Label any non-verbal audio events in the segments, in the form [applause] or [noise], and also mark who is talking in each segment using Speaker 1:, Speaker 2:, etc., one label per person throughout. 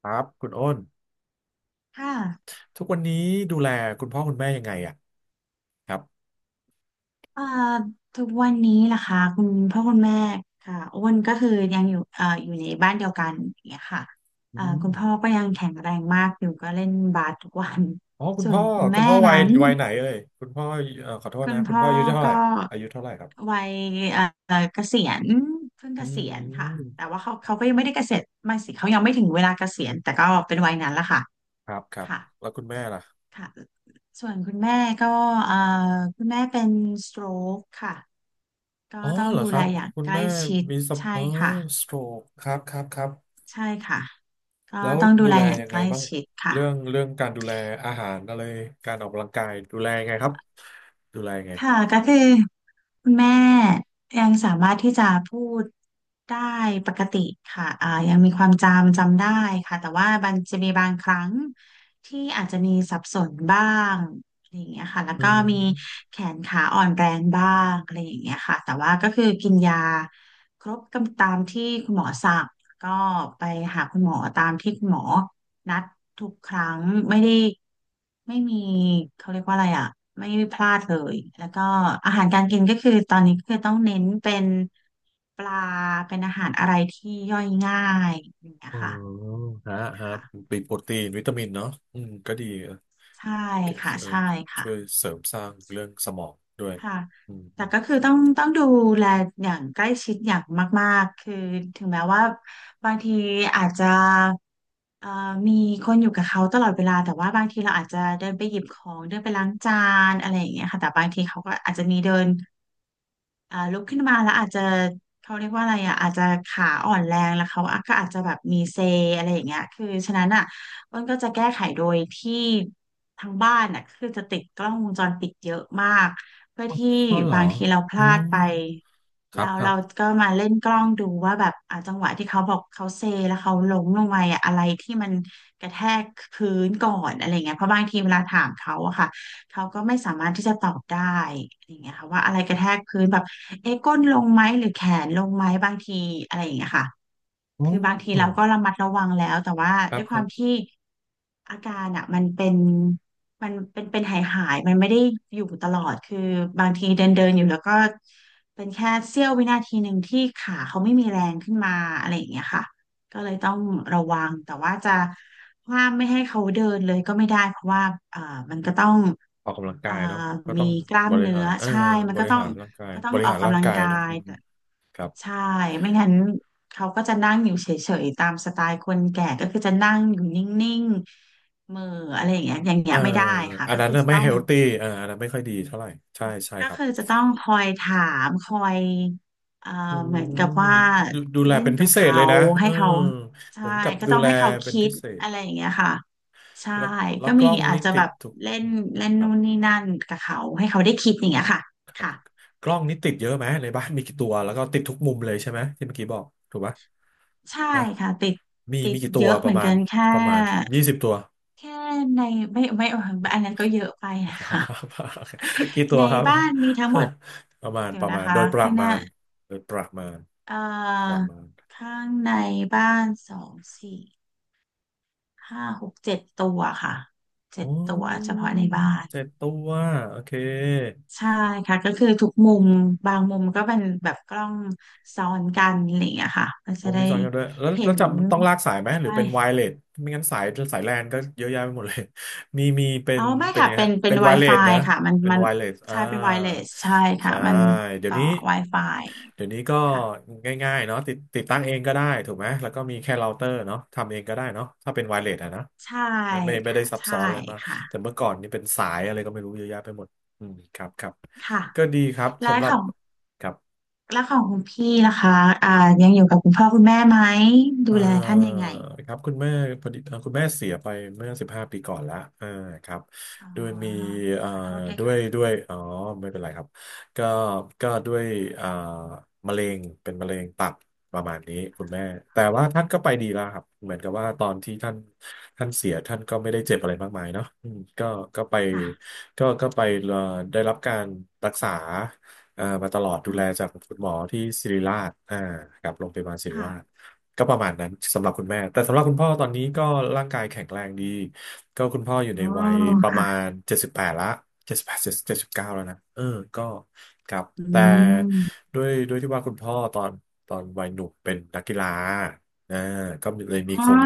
Speaker 1: ครับคุณอ้น
Speaker 2: ค่ะ
Speaker 1: ทุกวันนี้ดูแลคุณพ่อคุณแม่ยังไงอ่ะครับ
Speaker 2: เอ่อทุกวันนี้นะคะคุณพ่อคุณแม่ค่ะอ้วนก็คือยังอยู่อยู่ในบ้านเดียวกันอย่างเงี้ยค่ะ
Speaker 1: อื
Speaker 2: คุ
Speaker 1: ม
Speaker 2: ณพ่อก็ยังแข็งแรงมากอยู่ก็เล่นบาสทุกวัน
Speaker 1: อ๋อคุ
Speaker 2: [laughs]
Speaker 1: ณ
Speaker 2: ส่ว
Speaker 1: พ่
Speaker 2: น
Speaker 1: อ
Speaker 2: คุณ
Speaker 1: คุ
Speaker 2: แม่
Speaker 1: ณพ่อวั
Speaker 2: นั้
Speaker 1: ย
Speaker 2: น
Speaker 1: วัยไหนเอ่ยคุณพ่อขอโทษ
Speaker 2: คุ
Speaker 1: นะ
Speaker 2: ณ
Speaker 1: คุณ
Speaker 2: พ่
Speaker 1: พ่อ
Speaker 2: อ
Speaker 1: อายุเท่าไหร่
Speaker 2: ก็
Speaker 1: อายุเท่าไหร่ครับ
Speaker 2: วัยเอ่เกษียณเพิ่ง
Speaker 1: อื
Speaker 2: เกษียณค่ะ
Speaker 1: ม
Speaker 2: แต่ว่าเขาก็ยังไม่ได้เกษียณไม่สิเขายังไม่ถึงเวลาเกษียณแต่ก็เป็นวัยนั้นละค่ะ
Speaker 1: ครับครับ
Speaker 2: ค่ะ
Speaker 1: แล้วคุณแม่ล่ะ
Speaker 2: ค่ะ ส่วนคุณแม่ก็เอ่อคุณแม่เป็น stroke ค่ะก็
Speaker 1: อ๋อ
Speaker 2: ต้อง
Speaker 1: เหรอ
Speaker 2: ดู
Speaker 1: ค
Speaker 2: แล
Speaker 1: รับ
Speaker 2: อย่าง
Speaker 1: คุณ
Speaker 2: ใกล้
Speaker 1: แม่
Speaker 2: ชิด
Speaker 1: มีสม
Speaker 2: ใช่
Speaker 1: ออ
Speaker 2: ค่ะ
Speaker 1: สโตรกครับครับครับ
Speaker 2: ใช่ค่ะก็
Speaker 1: แล้ว
Speaker 2: ต้องดู
Speaker 1: ดู
Speaker 2: แล
Speaker 1: แล
Speaker 2: อย่าง
Speaker 1: ยัง
Speaker 2: ใก
Speaker 1: ไง
Speaker 2: ล้
Speaker 1: บ้าง
Speaker 2: ชิดค่ะ
Speaker 1: เรื่องการดูแลอาหารอะไรการออกกำลังกายดูแลยังไงครับดูแลยังไง
Speaker 2: ค่ะก็คือคุณแม่ยังสามารถที่จะพูดได้ปกติค่ะอ่ายังมีความจำจำได้ค่ะแต่ว่ามันจะมีบางครั้งที่อาจจะมีสับสนบ้างอะไรอย่างเงี้ยค่ะแล้ว
Speaker 1: อื
Speaker 2: ก็มี
Speaker 1: ม
Speaker 2: แขนขาอ่อนแรงบ้างอะไรอย่างเงี้ยค่ะแต่ว่าก็คือกินยาครบกำตามที่คุณหมอสั่งก็ไปหาคุณหมอตามที่คุณหมอ นัดทุกครั้งไม่ได้ไม่มีเขาเรียกว่าอะไรอ่ะไม่พลาดเลยแล้วก็อาหารการกินก็คือตอนนี้ก็คือต้องเน้นเป็นปลาเป็นอาหารอะไรที่ย่อยง่ายอย่างเงี้ย
Speaker 1: อ๋อ
Speaker 2: ค่ะ
Speaker 1: ฮะฮะ
Speaker 2: ค่ะ
Speaker 1: เป็นโปรตีนวิตามินเนาะอืมก็ดี
Speaker 2: ใช่
Speaker 1: เกส
Speaker 2: ค่ะใช่ค่ะ
Speaker 1: ช่วยเสริมสร้างเรื่องสมองด้วย
Speaker 2: ค่ะ
Speaker 1: อืมอื
Speaker 2: แต่
Speaker 1: ม
Speaker 2: ก็คือต้องดูแลอย่างใกล้ชิดอย่างมากๆคือถึงแม้ว่าบางทีอาจจะเอ่อมีคนอยู่กับเขาตลอดเวลา แต่ว่าบางทีเราอาจจะเดินไปหยิบของเดินไปล้างจานอะไรอย่างเงี้ยค่ะ แต่บางทีเขาก็อาจจะมีเดิน อ่าลุกขึ้นมาแล้วอาจจะเขาเรียกว่าอะไรอ่ะอาจจะขาอ่อนแรงแล้วเขาก็อาจจะแบบมีเซอะไรอย่างเงี้ยคือฉะนั้นอ่ะอ้นก็จะแก้ไขโดยที่ทางบ้านอ่ะคือจะติดกล้องวงจรปิดเยอะมากเพื่อที่
Speaker 1: อ๋อเหรอ
Speaker 2: บางทีเราพ
Speaker 1: อ๋อ
Speaker 2: ลาดไป
Speaker 1: ครั
Speaker 2: แล้
Speaker 1: บ
Speaker 2: ว
Speaker 1: ครั
Speaker 2: เรา
Speaker 1: บ
Speaker 2: ก็มาเล่นกล้องดูว่าแบบอ่ะจังหวะที่เขาบอกเขาเซแล้วเขาล้มลงไปอ่ะอะไรที่มันกระแทกพื้นก่อนอะไรเงี้ยเพราะบางทีเวลาถามเขาอะค่ะ เขาก็ไม่สามารถที่จะตอบได้อย่างเงี้ยค่ะว่าอะไรกระแทกพื้นแบบเอ๊ะก้นลงไหมหรือแขนลงไหมบางทีอะไรอย่างเงี้ยค่ะ
Speaker 1: อ๋อ
Speaker 2: คือบางทีเราก็ระมัดระวังแล้วแต่ว่า
Speaker 1: ครั
Speaker 2: ด้
Speaker 1: บ
Speaker 2: วยค
Speaker 1: ครั
Speaker 2: วาม
Speaker 1: บ
Speaker 2: ที่อาการอ่ะมันเป็นหายมันไม่ได้อยู่ตลอดคือบางทีเดินเดินอยู่แล้วก็เป็นแค่เสี้ยววินาทีหนึ่งที่ขาเขาไม่มีแรงขึ้นมาอะไรอย่างเงี้ยค่ะก็เลยต้องระวังแต่ว่าจะห้ามไม่ให้เขาเดินเลยก็ไม่ได้เพราะว่าเอ่อมันก็ต้อง
Speaker 1: ออกกำลัง
Speaker 2: เอ่
Speaker 1: กา
Speaker 2: อ
Speaker 1: ยเนาะก็
Speaker 2: มี
Speaker 1: ต้อง
Speaker 2: กล้า
Speaker 1: บ
Speaker 2: ม
Speaker 1: ริ
Speaker 2: เนื้
Speaker 1: หา
Speaker 2: อ
Speaker 1: ร
Speaker 2: ใช่มั
Speaker 1: บ
Speaker 2: นก็
Speaker 1: ริ
Speaker 2: ต้อง
Speaker 1: หารร่างกาย
Speaker 2: ก็ต้อ
Speaker 1: บ
Speaker 2: ง
Speaker 1: ริ
Speaker 2: ออ
Speaker 1: หา
Speaker 2: ก
Speaker 1: รร่า
Speaker 2: กำ
Speaker 1: ง
Speaker 2: ลัง
Speaker 1: กาย
Speaker 2: กา
Speaker 1: ด้วย
Speaker 2: ย
Speaker 1: อืมครับ
Speaker 2: ใช่ไม่งั้นเขาก็จะนั่งอยู่เฉยๆตามสไตล์คนแก่ก็คือจะนั่งอยู่นิ่งๆเหม่ออะไรอย่างเงี้ยอย่างเงี้
Speaker 1: เอ
Speaker 2: ย
Speaker 1: อ
Speaker 2: ไม่ได้ค่ะ
Speaker 1: อัน
Speaker 2: ก็
Speaker 1: นั้น
Speaker 2: คือ
Speaker 1: น่ะ
Speaker 2: จะ
Speaker 1: ไม่
Speaker 2: ต้อ
Speaker 1: เฮ
Speaker 2: ง
Speaker 1: ลตี้เอาอันนั้นไม่ค่อยดีเท่าไหร่ใช่ใช่
Speaker 2: ก็
Speaker 1: ครับ
Speaker 2: คือจะต้องคอยถามคอยเอ่อ
Speaker 1: อื
Speaker 2: เหมือนกับ
Speaker 1: ม
Speaker 2: ว่า
Speaker 1: ดูแล
Speaker 2: เล่น
Speaker 1: เป็น
Speaker 2: กั
Speaker 1: พิ
Speaker 2: บ
Speaker 1: เศษ
Speaker 2: เขา
Speaker 1: เลยนะเอ
Speaker 2: ให้
Speaker 1: อ
Speaker 2: เขา
Speaker 1: เห
Speaker 2: ใช่
Speaker 1: มือนกับ
Speaker 2: ก็
Speaker 1: ดู
Speaker 2: ต้อง
Speaker 1: แล
Speaker 2: ให้เขา
Speaker 1: เป็น
Speaker 2: คิ
Speaker 1: พิ
Speaker 2: ด
Speaker 1: เศษ
Speaker 2: อะไรอย่างเงี้ยค่ะใช่
Speaker 1: แล้วแล้ว
Speaker 2: ก็
Speaker 1: ก
Speaker 2: มี
Speaker 1: ล้อง
Speaker 2: อาจ
Speaker 1: นี่
Speaker 2: จะ
Speaker 1: ติ
Speaker 2: แบ
Speaker 1: ด
Speaker 2: บ
Speaker 1: ทุก
Speaker 2: เล่นเล่น
Speaker 1: ครั
Speaker 2: นู่
Speaker 1: บ
Speaker 2: นนี่นั่นกับเขาให้เขาได้คิดอย่างเงี้ยค่ะ
Speaker 1: ครับ
Speaker 2: ค่ะ
Speaker 1: กล้องนี้ติดเยอะไหมในบ้านมีกี่ตัวแล้วก็ติดทุกมุมเลยใช่ไหมที่เมื่อกี้บอกถูกปะ
Speaker 2: ใช่
Speaker 1: นะ
Speaker 2: ค่ะติด
Speaker 1: มี
Speaker 2: ติ
Speaker 1: มี
Speaker 2: ด
Speaker 1: กี่ตั
Speaker 2: เย
Speaker 1: ว
Speaker 2: อะ
Speaker 1: ป
Speaker 2: เหมื
Speaker 1: ระ
Speaker 2: อน
Speaker 1: มา
Speaker 2: กั
Speaker 1: ณ
Speaker 2: นแค่
Speaker 1: ประมาณยี่สิบตัว
Speaker 2: แค่ในไม่เอออันนั้นก็เยอะไปนะคะ
Speaker 1: [laughs] กี่ตั
Speaker 2: ใน
Speaker 1: วครับ
Speaker 2: บ้านมีทั้งหมด
Speaker 1: [laughs] ประมาณ
Speaker 2: เดี๋ย
Speaker 1: ป
Speaker 2: ว
Speaker 1: ระ
Speaker 2: นะ
Speaker 1: มาณ
Speaker 2: คะ
Speaker 1: โดยประ
Speaker 2: ข้างห
Speaker 1: มา
Speaker 2: น้า
Speaker 1: ณโดยประมาณ
Speaker 2: เอ่
Speaker 1: ประ
Speaker 2: อ
Speaker 1: มาณ
Speaker 2: ข้างในบ้านสองสี่ห้าหกเจ็ดตัวค่ะเจ็
Speaker 1: อ๋
Speaker 2: ดตัวเฉ
Speaker 1: อ
Speaker 2: พาะในบ้าน
Speaker 1: เจ็ดตัวโอเค
Speaker 2: ใช่ค่ะก็คือทุกมุมบางมุมก็เป็นแบบกล้องซ้อนกันอะไรอย่างเงี้ยค่ะมัน
Speaker 1: ผ
Speaker 2: จะ
Speaker 1: ม
Speaker 2: ได้
Speaker 1: มีซ้อนกันด้วยแล้ว
Speaker 2: เห็
Speaker 1: แล้ว
Speaker 2: น
Speaker 1: จำต้องลากสายไหมหรือ
Speaker 2: ใช่
Speaker 1: เป็นไวเลสไม่งั้นสายแลนก็เยอะแยะไปหมดเลย [laughs] มีเป็
Speaker 2: อ๋
Speaker 1: น
Speaker 2: อไม่
Speaker 1: เป็น
Speaker 2: ค่ะ
Speaker 1: ยังไง
Speaker 2: เป็น
Speaker 1: ฮะ
Speaker 2: เป็
Speaker 1: เป็
Speaker 2: น
Speaker 1: นไวเลส
Speaker 2: Wi-Fi
Speaker 1: นะ
Speaker 2: ค่ะมัน
Speaker 1: เป็น
Speaker 2: มัน
Speaker 1: ไวเลส
Speaker 2: ใช่เป็น wireless ใช่ค่ะ
Speaker 1: ใช่
Speaker 2: มัน
Speaker 1: เดี๋ยว
Speaker 2: ต่อ
Speaker 1: นี้
Speaker 2: Wi-Fi
Speaker 1: เดี๋ยวนี้ก็
Speaker 2: ค่ะ
Speaker 1: ง่ายๆเนาะติดติดตั้งเองก็ได้ถูกไหมแล้วก็มีแค่เราเตอร์เนาะทำเองก็ได้เนาะถ้าเป็นไวเลสอะนะ
Speaker 2: ใช่
Speaker 1: ไม่ไม่ได้
Speaker 2: ค่ะ
Speaker 1: ซับ
Speaker 2: ใช่
Speaker 1: ซ้อนอะไรมาก
Speaker 2: ค่ะ
Speaker 1: แต่เมื่อก่อนนี่เป็นสายอะไรก็ไม่รู้เยอะแยะไปหมดอืมครับครับ
Speaker 2: ค่ะ
Speaker 1: ก็ดีครับ
Speaker 2: แล้ว
Speaker 1: สำหรั
Speaker 2: ข
Speaker 1: บ
Speaker 2: อง
Speaker 1: ครับ
Speaker 2: แล้วของคุณพี่นะคะอ่ายังอยู่กับคุณพ่อคุณแม่ไหมดู
Speaker 1: เอ่
Speaker 2: แลท่าน
Speaker 1: อ
Speaker 2: ยังไง
Speaker 1: ครับคุณแม่พอดีคุณแม่เสียไปเมื่อสิบห้าปีก่อนละอ่าครับ
Speaker 2: อ๋อ
Speaker 1: ด้วยมีเอ่
Speaker 2: ข
Speaker 1: อ
Speaker 2: อโทษด้วย
Speaker 1: ด้วยด้
Speaker 2: ค่ะ
Speaker 1: วยอ๋อไม่เป็นไรครับก็ก็ด้วยอ่ามะเร็งเป็นมะเร็งตับประมาณนี้คุณแม่แต่ว่าท่านก็ไปดีแล้วครับเหมือนกับว่าตอนที่ท่านเสียท่านก็ไม่ได้เจ็บอะไรมากมายเนาะอืมก็ก็ไป
Speaker 2: ค่ะ
Speaker 1: ก็ก็ไปเอ่อได้รับการรักษามาตลอดดูแลจาก
Speaker 2: ค่ะ
Speaker 1: คุณหมอที่ศิริราชอ่ากับโรงพยาบาลศิริราช
Speaker 2: ค่ะ
Speaker 1: ก็ประมาณนั้นสำหรับคุณแม่ แต่สำหรับคุณพ่อตอนนี้ก็ร่างกายแข็งแรงดีก็คุณพ่ออยู่
Speaker 2: อ๋
Speaker 1: ใน
Speaker 2: อ
Speaker 1: วัยประมา
Speaker 2: ค่ะ
Speaker 1: ณเจ็ดสิบแปดละเจ็ดสิบแปดเจ็ดสิบเก้าแล้วนะเออก็ครับ
Speaker 2: อื
Speaker 1: แต่
Speaker 2: ม
Speaker 1: ด้วยที่ว่าคุณพ่อตอนวัยหนุ่มเป็นนักกีฬาอ่าก็เลยมี
Speaker 2: อ๋
Speaker 1: โค
Speaker 2: อ
Speaker 1: รง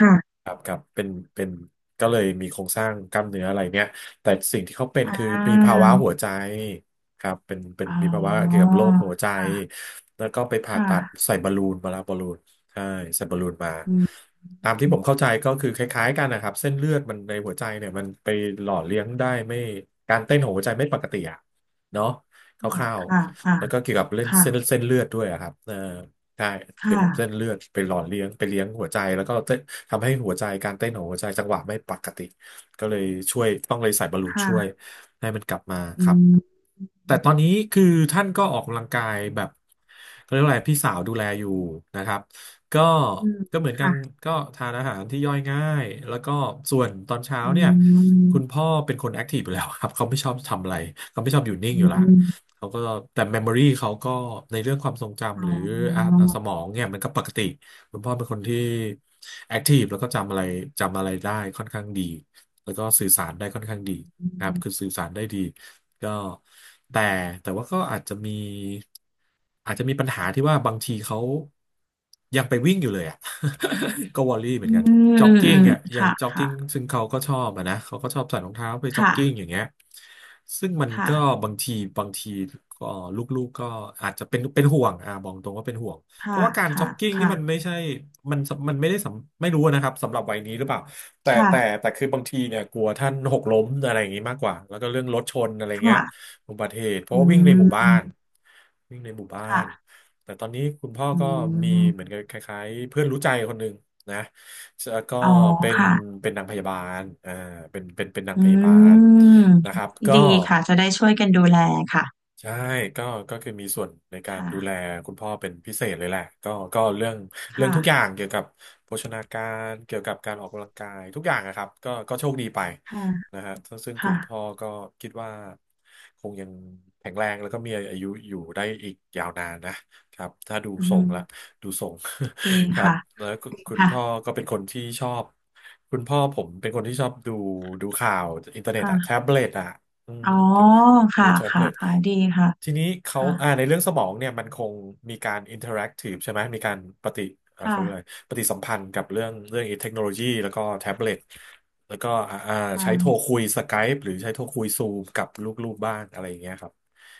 Speaker 2: ค่ะ
Speaker 1: ครับครับเป็นก็เลยมีโครงสร้างกล้ามเนื้ออะไรเนี้ยแต่สิ่งที่เขาเป็น
Speaker 2: อ่
Speaker 1: คือ
Speaker 2: า
Speaker 1: มีภาวะหัวใจครับเป็น
Speaker 2: อ๋
Speaker 1: มีภาวะเกี่ยว
Speaker 2: อ
Speaker 1: กับโรคหัวใจ
Speaker 2: ค่ะ
Speaker 1: แล้วก็ไป
Speaker 2: ค
Speaker 1: ผ่าตัด
Speaker 2: ่ะ
Speaker 1: ใส่บอลลูนมาแล้วบอลลูน ใช่ส่บปลูนมา
Speaker 2: อืม
Speaker 1: ตามที่ผมเข้าใจก็คือคล้ายๆกันนะครับเส้นเลือดมันในหัวใจเนี่ยมันไปหล่อเลี้ยงได้ไม่การเต้นของหัวใจไม่ปกติอะเนาะค
Speaker 2: อ๋อ
Speaker 1: ร่าว
Speaker 2: ค่ะค่ะ
Speaker 1: ๆแล้วก็เกี่ยวกับเล่น
Speaker 2: ค่ะ
Speaker 1: เส้นเลือดด้วยอะครับเออใช่
Speaker 2: ค
Speaker 1: เกี่ยวกับเส้น
Speaker 2: ่ะ
Speaker 1: เลือดไปหล่อเลี้ยงไปเลี้ยงหัวใจแล้วก็เต้นทำให้หัวใจการเต้นของหัวใจจังหวะไม่ปกติก็เลยช่วยต้องเลยใส่บอลลูนช่วย
Speaker 2: ค่ะ
Speaker 1: ให้มันกลับมาค
Speaker 2: อื
Speaker 1: รับ
Speaker 2: ม
Speaker 1: แต่ตอนนี้คือท่านก็ออกกำลังกายแบบเขาเรียกว่าอะไรพี่สาวดูแลอยู่นะครับ ก็
Speaker 2: อืม
Speaker 1: เหมือนกัน
Speaker 2: ค่ะ
Speaker 1: ก็ทานอาหารที่ย่อยง่ายแล้วก็ส่วนตอนเช้า
Speaker 2: อื
Speaker 1: เนี่ยคุณพ่อเป็นคนแอคทีฟอยู่แล้วครับ [laughs] เขาไม่ชอบทำอะไรเขาไม่ชอบอยู่นิ่งอยู่ละ
Speaker 2: ม
Speaker 1: เขาก็แต่เมมโมรี่เขาก็ในเรื่องความทรง
Speaker 2: อ๋
Speaker 1: จำห
Speaker 2: อ
Speaker 1: รืออ่ะสมองเนี่ยมันก็ปกติคุณพ่อเป็นคนที่แอคทีฟแล้วก็จำอะไรได้ค่อนข้างดีแล้วก็สื่อสารได้ค่อนข้างดี
Speaker 2: อื
Speaker 1: นะครับคือ
Speaker 2: ม
Speaker 1: สื่อสารได้ดี ก็แต่แต่ว่าก็อาจจะมีปัญหาที่ว่าบางทีเขายังไปวิ่งอยู่เลยอ่ะ [laughs] ก็วอรี่เหมือ
Speaker 2: อื
Speaker 1: นกัน
Speaker 2: ม
Speaker 1: จ็อกกิ้
Speaker 2: อื
Speaker 1: ง
Speaker 2: ม
Speaker 1: อ่ะยัง
Speaker 2: ค่ะ
Speaker 1: จ็อก
Speaker 2: ค่ะ
Speaker 1: กิ้งซึ่งเขาก็ชอบอะนะเขาก็ชอบใส่รองเท้าไปจ็อกกิ้ง
Speaker 2: ค่ะ
Speaker 1: อย่างเงี้ยซึ่งมัน
Speaker 2: ค่ะ
Speaker 1: ก็บางทีบางทีก็ลูกๆก็อาจจะเป็นห่วงอ่ะบอกตรงว่าเป็นห่วง เพ
Speaker 2: ค่ะ
Speaker 1: ราะว่าการจ็
Speaker 2: ค่ะ
Speaker 1: อกกิ้งนี่มัน
Speaker 2: ค่ะ
Speaker 1: ไม่ใช่มันมันไม่ได้สำไม่รู้นะครับสำหรับวัยนี้หรือเปล่า แต่แต่
Speaker 2: ค่ะ
Speaker 1: แต่คือบางทีเนี่ยกลัวท่านหกล้มอะไรอย่างนี้มากกว่า แล้วก็เรื่องรถชนอะไรเงี้ย
Speaker 2: ค่ะ
Speaker 1: อุบัติเหตุเพราะ
Speaker 2: อื
Speaker 1: ว่าวิ่งในหมู่บ้า
Speaker 2: ม
Speaker 1: นวิ่งในหมู่บ้าน
Speaker 2: ค่ะ
Speaker 1: แต่ตอนนี้คุณพ่อ
Speaker 2: อื
Speaker 1: ก็มีเหมือน
Speaker 2: ม
Speaker 1: กับคล้ายๆเพื่อนรู้ใจคนหนึ่งนะแล้วก็
Speaker 2: อ๋อ
Speaker 1: เป็น
Speaker 2: ค่ะ
Speaker 1: เป็นนางพยาบาลเป็นนาง
Speaker 2: อื
Speaker 1: พยาบาล
Speaker 2: ม
Speaker 1: นะครับก็
Speaker 2: ดีค่ะ จะได้ช่วยกันดูแลค่ะ
Speaker 1: ใช่ก็ก็คือมีส่วนในการดูแล
Speaker 2: ค่ะ
Speaker 1: คุณพ่อเป็นพิเศษเลยแหละก็เรื่องเรื่อง
Speaker 2: ค่ะ
Speaker 1: ทุกอย่างเกี่ยวกับโภชนาการเกี่ยวกับการออกกำลังกายทุกอย่างนะครับก็โชคดีไป
Speaker 2: ค่ะ
Speaker 1: นะฮะซึ่งคุ
Speaker 2: ค่ะ
Speaker 1: ณพ่อก็คิดว่าคงยังแข็งแรงแล้วก็มีอายุอยู่ได้อีกยาวนานนะครับถ้าดู
Speaker 2: อื
Speaker 1: ทรงละ
Speaker 2: ม
Speaker 1: ดูทรง
Speaker 2: ดี
Speaker 1: [laughs] ครับ
Speaker 2: ค่ะ
Speaker 1: แล้วคุณ
Speaker 2: ค่ะ
Speaker 1: พ่อก็เป็นคนที่ชอบคุณพ่อผมเป็นคนที่ชอบดูดูข่าวอินเทอร์เน็ตอะแท็
Speaker 2: ค่ะ
Speaker 1: บเล็ตอะอืม
Speaker 2: อ๋อ
Speaker 1: ดู
Speaker 2: ค่ะ
Speaker 1: แท็บ
Speaker 2: ค่ะ
Speaker 1: เล็ต
Speaker 2: ค่ะดีค่ะ
Speaker 1: ทีนี้เขา
Speaker 2: ค่ะ
Speaker 1: ในเรื่องสมองเนี่ยมันคงมีการอินเทอร์แอคทีฟใช่ไหม มีการปฏิเขาเรียกอะไร
Speaker 2: ค่ะ
Speaker 1: ปฏิสัมพันธ์กับเรื่องเรื่องเทคโนโลยีแล้วก็แท็บเล็ตแล้วก็
Speaker 2: ค
Speaker 1: ใช้โทร
Speaker 2: ่ะ
Speaker 1: คุยสกายปหรือใช้โทรคุยซูมกับลูกๆบ้านอะไรอย่างเงี้ยครับ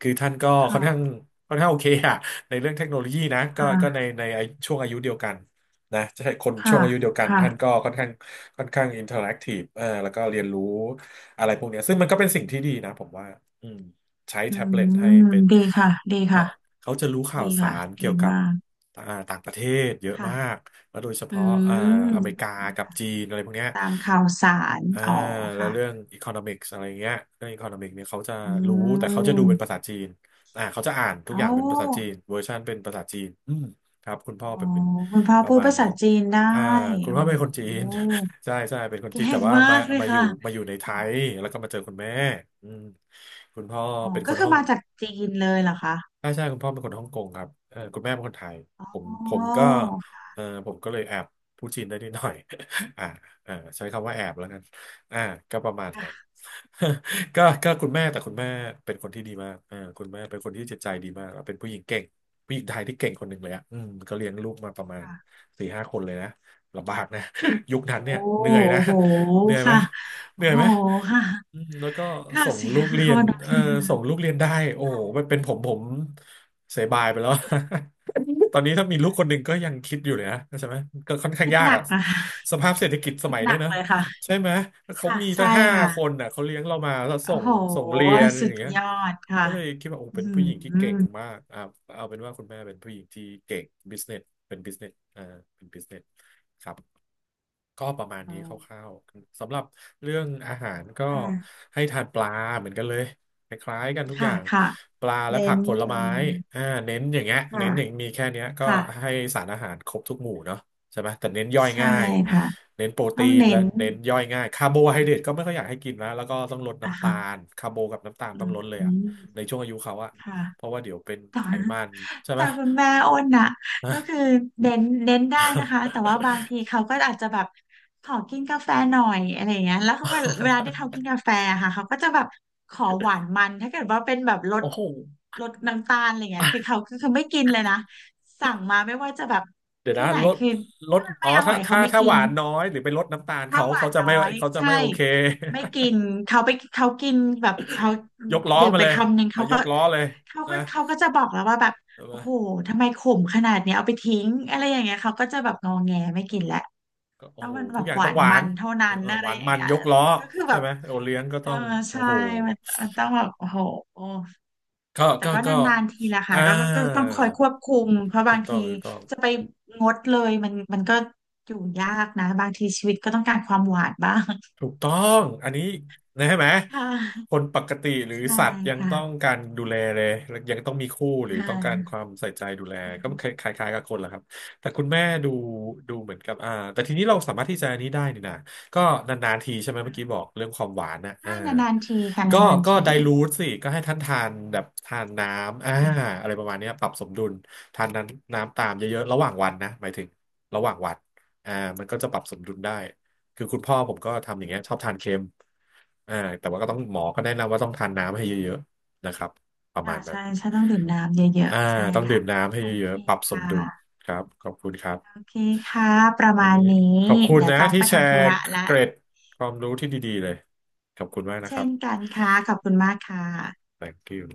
Speaker 1: คือท่านก็ค่อ
Speaker 2: ค่ะ
Speaker 1: นข้างค่อนข้างโอเคอะในเรื่องเทคโนโลยีนะก็ก็ใน
Speaker 2: ค่
Speaker 1: ในช่วงอายุเดียวกันนะใช่คนช่
Speaker 2: ะ
Speaker 1: วงอายุเดียวกัน
Speaker 2: ค่ะ
Speaker 1: ท่านก็ค่อนข้างค่อนข้างอินเทอร์แอคทีฟเออแล้วก็เรียนรู้ อะไรพวกเนี้ยซึ่งมันก็เป็นสิ่งที่ดีนะผมว่าอืมใช้
Speaker 2: อื
Speaker 1: แท็บเล็ตให้
Speaker 2: ม
Speaker 1: เป็น
Speaker 2: ดีค่ะดี
Speaker 1: เขา
Speaker 2: ค่ะ
Speaker 1: เขาจะรู้ข่า
Speaker 2: ดี
Speaker 1: วสา
Speaker 2: ค่ะ
Speaker 1: ร
Speaker 2: ดี
Speaker 1: เกี่ยวกับ
Speaker 2: มาก
Speaker 1: อ่าต่างประเทศเยอะ
Speaker 2: ค่ะ
Speaker 1: มากแล้วโดยเฉ
Speaker 2: อื
Speaker 1: พาะอเมริ
Speaker 2: ม
Speaker 1: กากับจีนอะไรพวกเนี้ย
Speaker 2: ตามข่าวสาร
Speaker 1: อ่า
Speaker 2: อ๋อ
Speaker 1: แล้ว
Speaker 2: ค่ะ
Speaker 1: เรื่อง economics อะไรเงี้ยเรื่อง economics เนี่ยเขาจะ
Speaker 2: อื
Speaker 1: รู้แต่เขาจะดูเป็น
Speaker 2: ม
Speaker 1: ภาษาจีนเขาจะอ่านทุ
Speaker 2: โอ
Speaker 1: กอย่างเป็นภาษาจี
Speaker 2: ้
Speaker 1: นเวอร์ชันเป็นภาษาจีนอืมครับคุณพ่
Speaker 2: อ๋
Speaker 1: อ
Speaker 2: อ
Speaker 1: ผมเป็น
Speaker 2: คุณพ่อ
Speaker 1: ประ
Speaker 2: พูด
Speaker 1: มาณ
Speaker 2: ภาษา
Speaker 1: นั้น
Speaker 2: จีนได้
Speaker 1: อ่าคุณ
Speaker 2: โอ้
Speaker 1: พ่อ
Speaker 2: โ
Speaker 1: เป็นคนจี
Speaker 2: ห
Speaker 1: น ใช่ใช่เป็นคนจี
Speaker 2: เก่
Speaker 1: นแต่
Speaker 2: ง
Speaker 1: ว่า
Speaker 2: มา
Speaker 1: มา
Speaker 2: กเลย
Speaker 1: มาอ
Speaker 2: ค่ะ
Speaker 1: ยู่มาอยู่ในไท
Speaker 2: อ๋อ
Speaker 1: ยแล้วก็มาเจอคุณแม่อืมคุณพ่อ
Speaker 2: อ๋อ
Speaker 1: เป็นค
Speaker 2: ก็
Speaker 1: น
Speaker 2: คื
Speaker 1: ฮ่
Speaker 2: อ
Speaker 1: อง
Speaker 2: มาจากจีนเลยเหรอคะ
Speaker 1: ใช่ใช่คุณพ่อเป็นคนฮ่องกงครับเออคุณแม่เป็นคนไทย
Speaker 2: อ๋
Speaker 1: ผม
Speaker 2: อ
Speaker 1: ผมก็เออผมก็เลยแอบพูดจีนได้นิดหน่อย [laughs] อ่าเออใช้คำว่าแอบแล้วกันอ่าก็ประมาณนั้น
Speaker 2: ค่ะ
Speaker 1: [laughs] ก็ก็คุณแม่แต่คุณแม่เป็นคนที่ดีมากเออคุณแม่เป็นคนที่จิตใจดีมากแล้วเป็นผู้หญิงเก่งผู้หญิงไทยที่เก่งคนหนึ่งเลยอ่ะอืมก็เลี้ยงลูกมาประมาณ
Speaker 2: ค่ะ
Speaker 1: สี่ห้าคนเลยนะลำบากนะ [laughs] ยุคนั้น
Speaker 2: โอ้
Speaker 1: เนี่ยเหนื่อยนะ
Speaker 2: โห
Speaker 1: เหนื่อยไหม
Speaker 2: ค่ะ
Speaker 1: เห
Speaker 2: โอ้
Speaker 1: นื่อย
Speaker 2: โห
Speaker 1: ไหม
Speaker 2: ค่ะ
Speaker 1: อืมแล้วก็
Speaker 2: ข่าว
Speaker 1: ส่ง
Speaker 2: เสีย
Speaker 1: ลู
Speaker 2: ง
Speaker 1: กเรี
Speaker 2: [laughs] ค
Speaker 1: ยน
Speaker 2: นโอ
Speaker 1: เอ
Speaker 2: เค
Speaker 1: อ
Speaker 2: ค่ะ
Speaker 1: ส่งลูกเรียนได้โอ้โหมันเป็นผมเสียบายไปแล้ว [laughs] ตอนนี้ถ้ามีลูกคนหนึ่ง
Speaker 2: [laughs]
Speaker 1: ก็ยังคิดอยู่เลยนะใช่ไหมก็ค่อนข้าง
Speaker 2: คิด
Speaker 1: ยา
Speaker 2: ห
Speaker 1: ก
Speaker 2: นัก
Speaker 1: อะ
Speaker 2: นะคะ
Speaker 1: สภาพเศรษฐกิจส
Speaker 2: คิด
Speaker 1: มัย
Speaker 2: ห
Speaker 1: เนี้
Speaker 2: นั
Speaker 1: ย
Speaker 2: ก
Speaker 1: นะ
Speaker 2: เลยค่ะ
Speaker 1: ใช่ไหมเขา
Speaker 2: ค่ะ
Speaker 1: มีตั้
Speaker 2: ใช่
Speaker 1: งห้า
Speaker 2: ค่ะ
Speaker 1: คนน่ะเขาเลี้ยงเรามาแล้วส่
Speaker 2: โอ้
Speaker 1: ง
Speaker 2: โห
Speaker 1: ส่งเรียน
Speaker 2: สุ
Speaker 1: อย่า
Speaker 2: ด
Speaker 1: งเงี้ย
Speaker 2: ยอดค่ะ
Speaker 1: ก็เลยคิดว่าโอ้
Speaker 2: อื
Speaker 1: เป็นผู้หญิงที่เก่ง
Speaker 2: ม
Speaker 1: มากเอาเป็นว่าคุณแม่เป็นผู้หญิงที่เก่งบิสเนสเป็นบิสเนสเป็นบิสเนสครับก็ประมาณ
Speaker 2: อ๋อ
Speaker 1: นี้คร่าวๆสำหรับเรื่องอาหารก็
Speaker 2: ค่ะ
Speaker 1: ให้ทานปลาเหมือนกันเลยคล้ายๆกันทุกอ
Speaker 2: ค่ะ
Speaker 1: ย่าง
Speaker 2: ค่ะ
Speaker 1: ปลาและ
Speaker 2: เน้
Speaker 1: ผั
Speaker 2: น
Speaker 1: กผล
Speaker 2: กั
Speaker 1: ไม้
Speaker 2: น
Speaker 1: อ่าเน้นอย่างเงี้ย
Speaker 2: ค่ะ
Speaker 1: เน้นอย่างมีแค่เนี้ยก็
Speaker 2: ค่ะ
Speaker 1: ให้สารอาหารครบทุกหมู่เนาะใช่ไหมแต่เน้นย่อย
Speaker 2: ใช่
Speaker 1: ง่าย
Speaker 2: ค่ะ
Speaker 1: เน้นโปร
Speaker 2: ต้
Speaker 1: ตี
Speaker 2: อง
Speaker 1: น
Speaker 2: เน้
Speaker 1: และ
Speaker 2: น
Speaker 1: เน้นย่อยง่ายคาร์โบไฮเดรตก็ไม่ค่อยอยากให้กินนะแล้วก็ต้องลด
Speaker 2: อ่ะ
Speaker 1: น้ำตา
Speaker 2: ค่ะ
Speaker 1: ลคาร์โบกับน้ำตาลต้
Speaker 2: อื
Speaker 1: องลดเลย
Speaker 2: ม
Speaker 1: ในช่วงอายุเขาอะ
Speaker 2: ค่ะ
Speaker 1: เพราะว่าเดี๋ยวเป็น
Speaker 2: ต่อ
Speaker 1: ไขมันใช่ไหม
Speaker 2: แต่คุณแม่อ้นน่ะก็
Speaker 1: นะ
Speaker 2: คือเน้นได้นะคะแต่ว่าบางทีเขาก็อาจจะแบบขอกินกาแฟหน่อยอะไรอย่างเงี้ยแล้วเขาเวลาที่เขากินกาแฟอะค่ะเขาก็จะแบบขอหวานมันถ้าเกิดว่าเป็นแบบร
Speaker 1: [laughs]
Speaker 2: ด
Speaker 1: โอ้โห
Speaker 2: ลดน้ำตาลอะไรเงี้ยคือเขาก็คือไม่กินเลยนะสั่งมาไม่ว่าจะแบบ
Speaker 1: เดี๋ยว
Speaker 2: ที่
Speaker 1: นะ
Speaker 2: ไหน
Speaker 1: ลด
Speaker 2: คือ
Speaker 1: ลด
Speaker 2: ถ้ามัน
Speaker 1: อ๋
Speaker 2: ไม่
Speaker 1: อ
Speaker 2: อร่อ
Speaker 1: ถ้า
Speaker 2: ยเขา
Speaker 1: ถ้า
Speaker 2: ไม่
Speaker 1: ถ้า
Speaker 2: กิ
Speaker 1: ห
Speaker 2: น
Speaker 1: วานน้อยหรือไปลดน้ำตาล
Speaker 2: ถ้า
Speaker 1: เขา
Speaker 2: หวา
Speaker 1: เขา
Speaker 2: น
Speaker 1: จะ
Speaker 2: น้อ
Speaker 1: ไม่
Speaker 2: ย
Speaker 1: เขาจะ
Speaker 2: ใช่
Speaker 1: ไม่โอเค
Speaker 2: ไม่กินเขาไปเขากินแบบเขา
Speaker 1: [laughs] ยกล้อ
Speaker 2: ดื่ม
Speaker 1: มา
Speaker 2: ไป
Speaker 1: เลย
Speaker 2: คำหนึ่ง
Speaker 1: อ่ะ
Speaker 2: เขา
Speaker 1: ย
Speaker 2: ก็
Speaker 1: กล้อเลย
Speaker 2: เขา
Speaker 1: นะ
Speaker 2: ก็เขาก็จะบอกแล้วว่าแบบ
Speaker 1: ใช่ไหม
Speaker 2: โอ้โหทำไมขมขนาดเนี้ยเอาไปทิ้งอะไรอย่างเงี้ยเขาก็จะแบบงอแงไม่กินแล้ว
Speaker 1: ก็โอ้
Speaker 2: ต้อง
Speaker 1: โห
Speaker 2: มันแบ
Speaker 1: ทุก
Speaker 2: บ
Speaker 1: อย่าง
Speaker 2: หวา
Speaker 1: ต้อง
Speaker 2: น
Speaker 1: หวา
Speaker 2: มั
Speaker 1: น
Speaker 2: นเท่านั้
Speaker 1: เออ
Speaker 2: น
Speaker 1: เออ
Speaker 2: อะ
Speaker 1: ห
Speaker 2: ไร
Speaker 1: วาน
Speaker 2: อย่าง
Speaker 1: มัน
Speaker 2: เงี้ย
Speaker 1: ยกล้อ
Speaker 2: ก็คือแบ
Speaker 1: ใช่
Speaker 2: บ
Speaker 1: ไหมโอเลี้ยงก็
Speaker 2: เอ
Speaker 1: ต้
Speaker 2: อ
Speaker 1: อง โอ้
Speaker 2: ใช่
Speaker 1: โห
Speaker 2: มันมันต้องแบบโอ้โห
Speaker 1: ก็
Speaker 2: แต่
Speaker 1: ก็
Speaker 2: ก็
Speaker 1: ก็
Speaker 2: นานๆทีละค่ะ
Speaker 1: อ่า
Speaker 2: ก็ต้องคอยควบคุมเพราะ
Speaker 1: ถู
Speaker 2: บา
Speaker 1: ก
Speaker 2: ง
Speaker 1: ต้อ
Speaker 2: ที
Speaker 1: งถูกต้อง
Speaker 2: จะไปงดเลยมันก็อยู่ยากนะบางทีชีวิตก็ต้องการความหวานบ้าง
Speaker 1: ถูกต้องอันนี้นะใช่ไหม
Speaker 2: ค่
Speaker 1: ค
Speaker 2: ะ
Speaker 1: นปกติหรือ
Speaker 2: ใช่
Speaker 1: สัตว์ยัง
Speaker 2: ค่ะ
Speaker 1: ต้องการดูแลเลยยังต้องมีคู่หรือ
Speaker 2: ค
Speaker 1: ต้องการค
Speaker 2: ่ะ
Speaker 1: วามใส่ใจดูแลก็คล้ายๆกับคนแหละครับแต่คุณแม่ดูดูเหมือนกับแต่ทีนี้เราสามารถที่จะอันนี้ได้นี่นะก็นานๆทีใช่ไหมเมื่อกี้บอกเรื่องความหวานนะ
Speaker 2: ใช่นานๆทีค่ะ
Speaker 1: ก็
Speaker 2: นาน
Speaker 1: ก็
Speaker 2: ๆที
Speaker 1: ไดลูทสิก็ให้ท่านทานแบบทานน้ำ
Speaker 2: ค่ะ
Speaker 1: อะไรประมาณเนี้ยปรับสมดุลทานน้ำน้ำตามเยอะๆระหว่างวันนะหมายถึงระหว่างวันอ่ามันก็จะปรับสมดุลได้ คือคุณพ่อผมก็ทำอย่างเงี้ยชอบทานเค็มอ่าแต่ว่าก็ต้องหมอก็แนะนำว่าต้องทานน้ำให้เยอะๆนะครับประมา
Speaker 2: ค่ะ
Speaker 1: ณนั้น
Speaker 2: ใช่ต้องดื่มน้ำเยอะ
Speaker 1: อ่า
Speaker 2: ๆใช่
Speaker 1: ต้องดื่
Speaker 2: ค่ะ
Speaker 1: มน้ำให้
Speaker 2: โอ
Speaker 1: เย
Speaker 2: เค
Speaker 1: อะๆปรับส
Speaker 2: ค่
Speaker 1: มดุล
Speaker 2: ะ
Speaker 1: ครับขอบคุณครั
Speaker 2: โอ
Speaker 1: บ
Speaker 2: เคค่ะประ
Speaker 1: วัน
Speaker 2: มาณ
Speaker 1: นี้
Speaker 2: นี้
Speaker 1: ขอบคุณ
Speaker 2: เดี๋ยว
Speaker 1: นะ
Speaker 2: ต้อง
Speaker 1: ที่
Speaker 2: ไป
Speaker 1: แช
Speaker 2: ทำ
Speaker 1: ร์
Speaker 2: ธุระละ
Speaker 1: เกร็ดความรู้ที่ดีๆเลยขอบคุณมากนะค
Speaker 2: เช่
Speaker 1: รั
Speaker 2: น
Speaker 1: บ
Speaker 2: กันค่ะขอบคุณมากค่ะ
Speaker 1: Thank you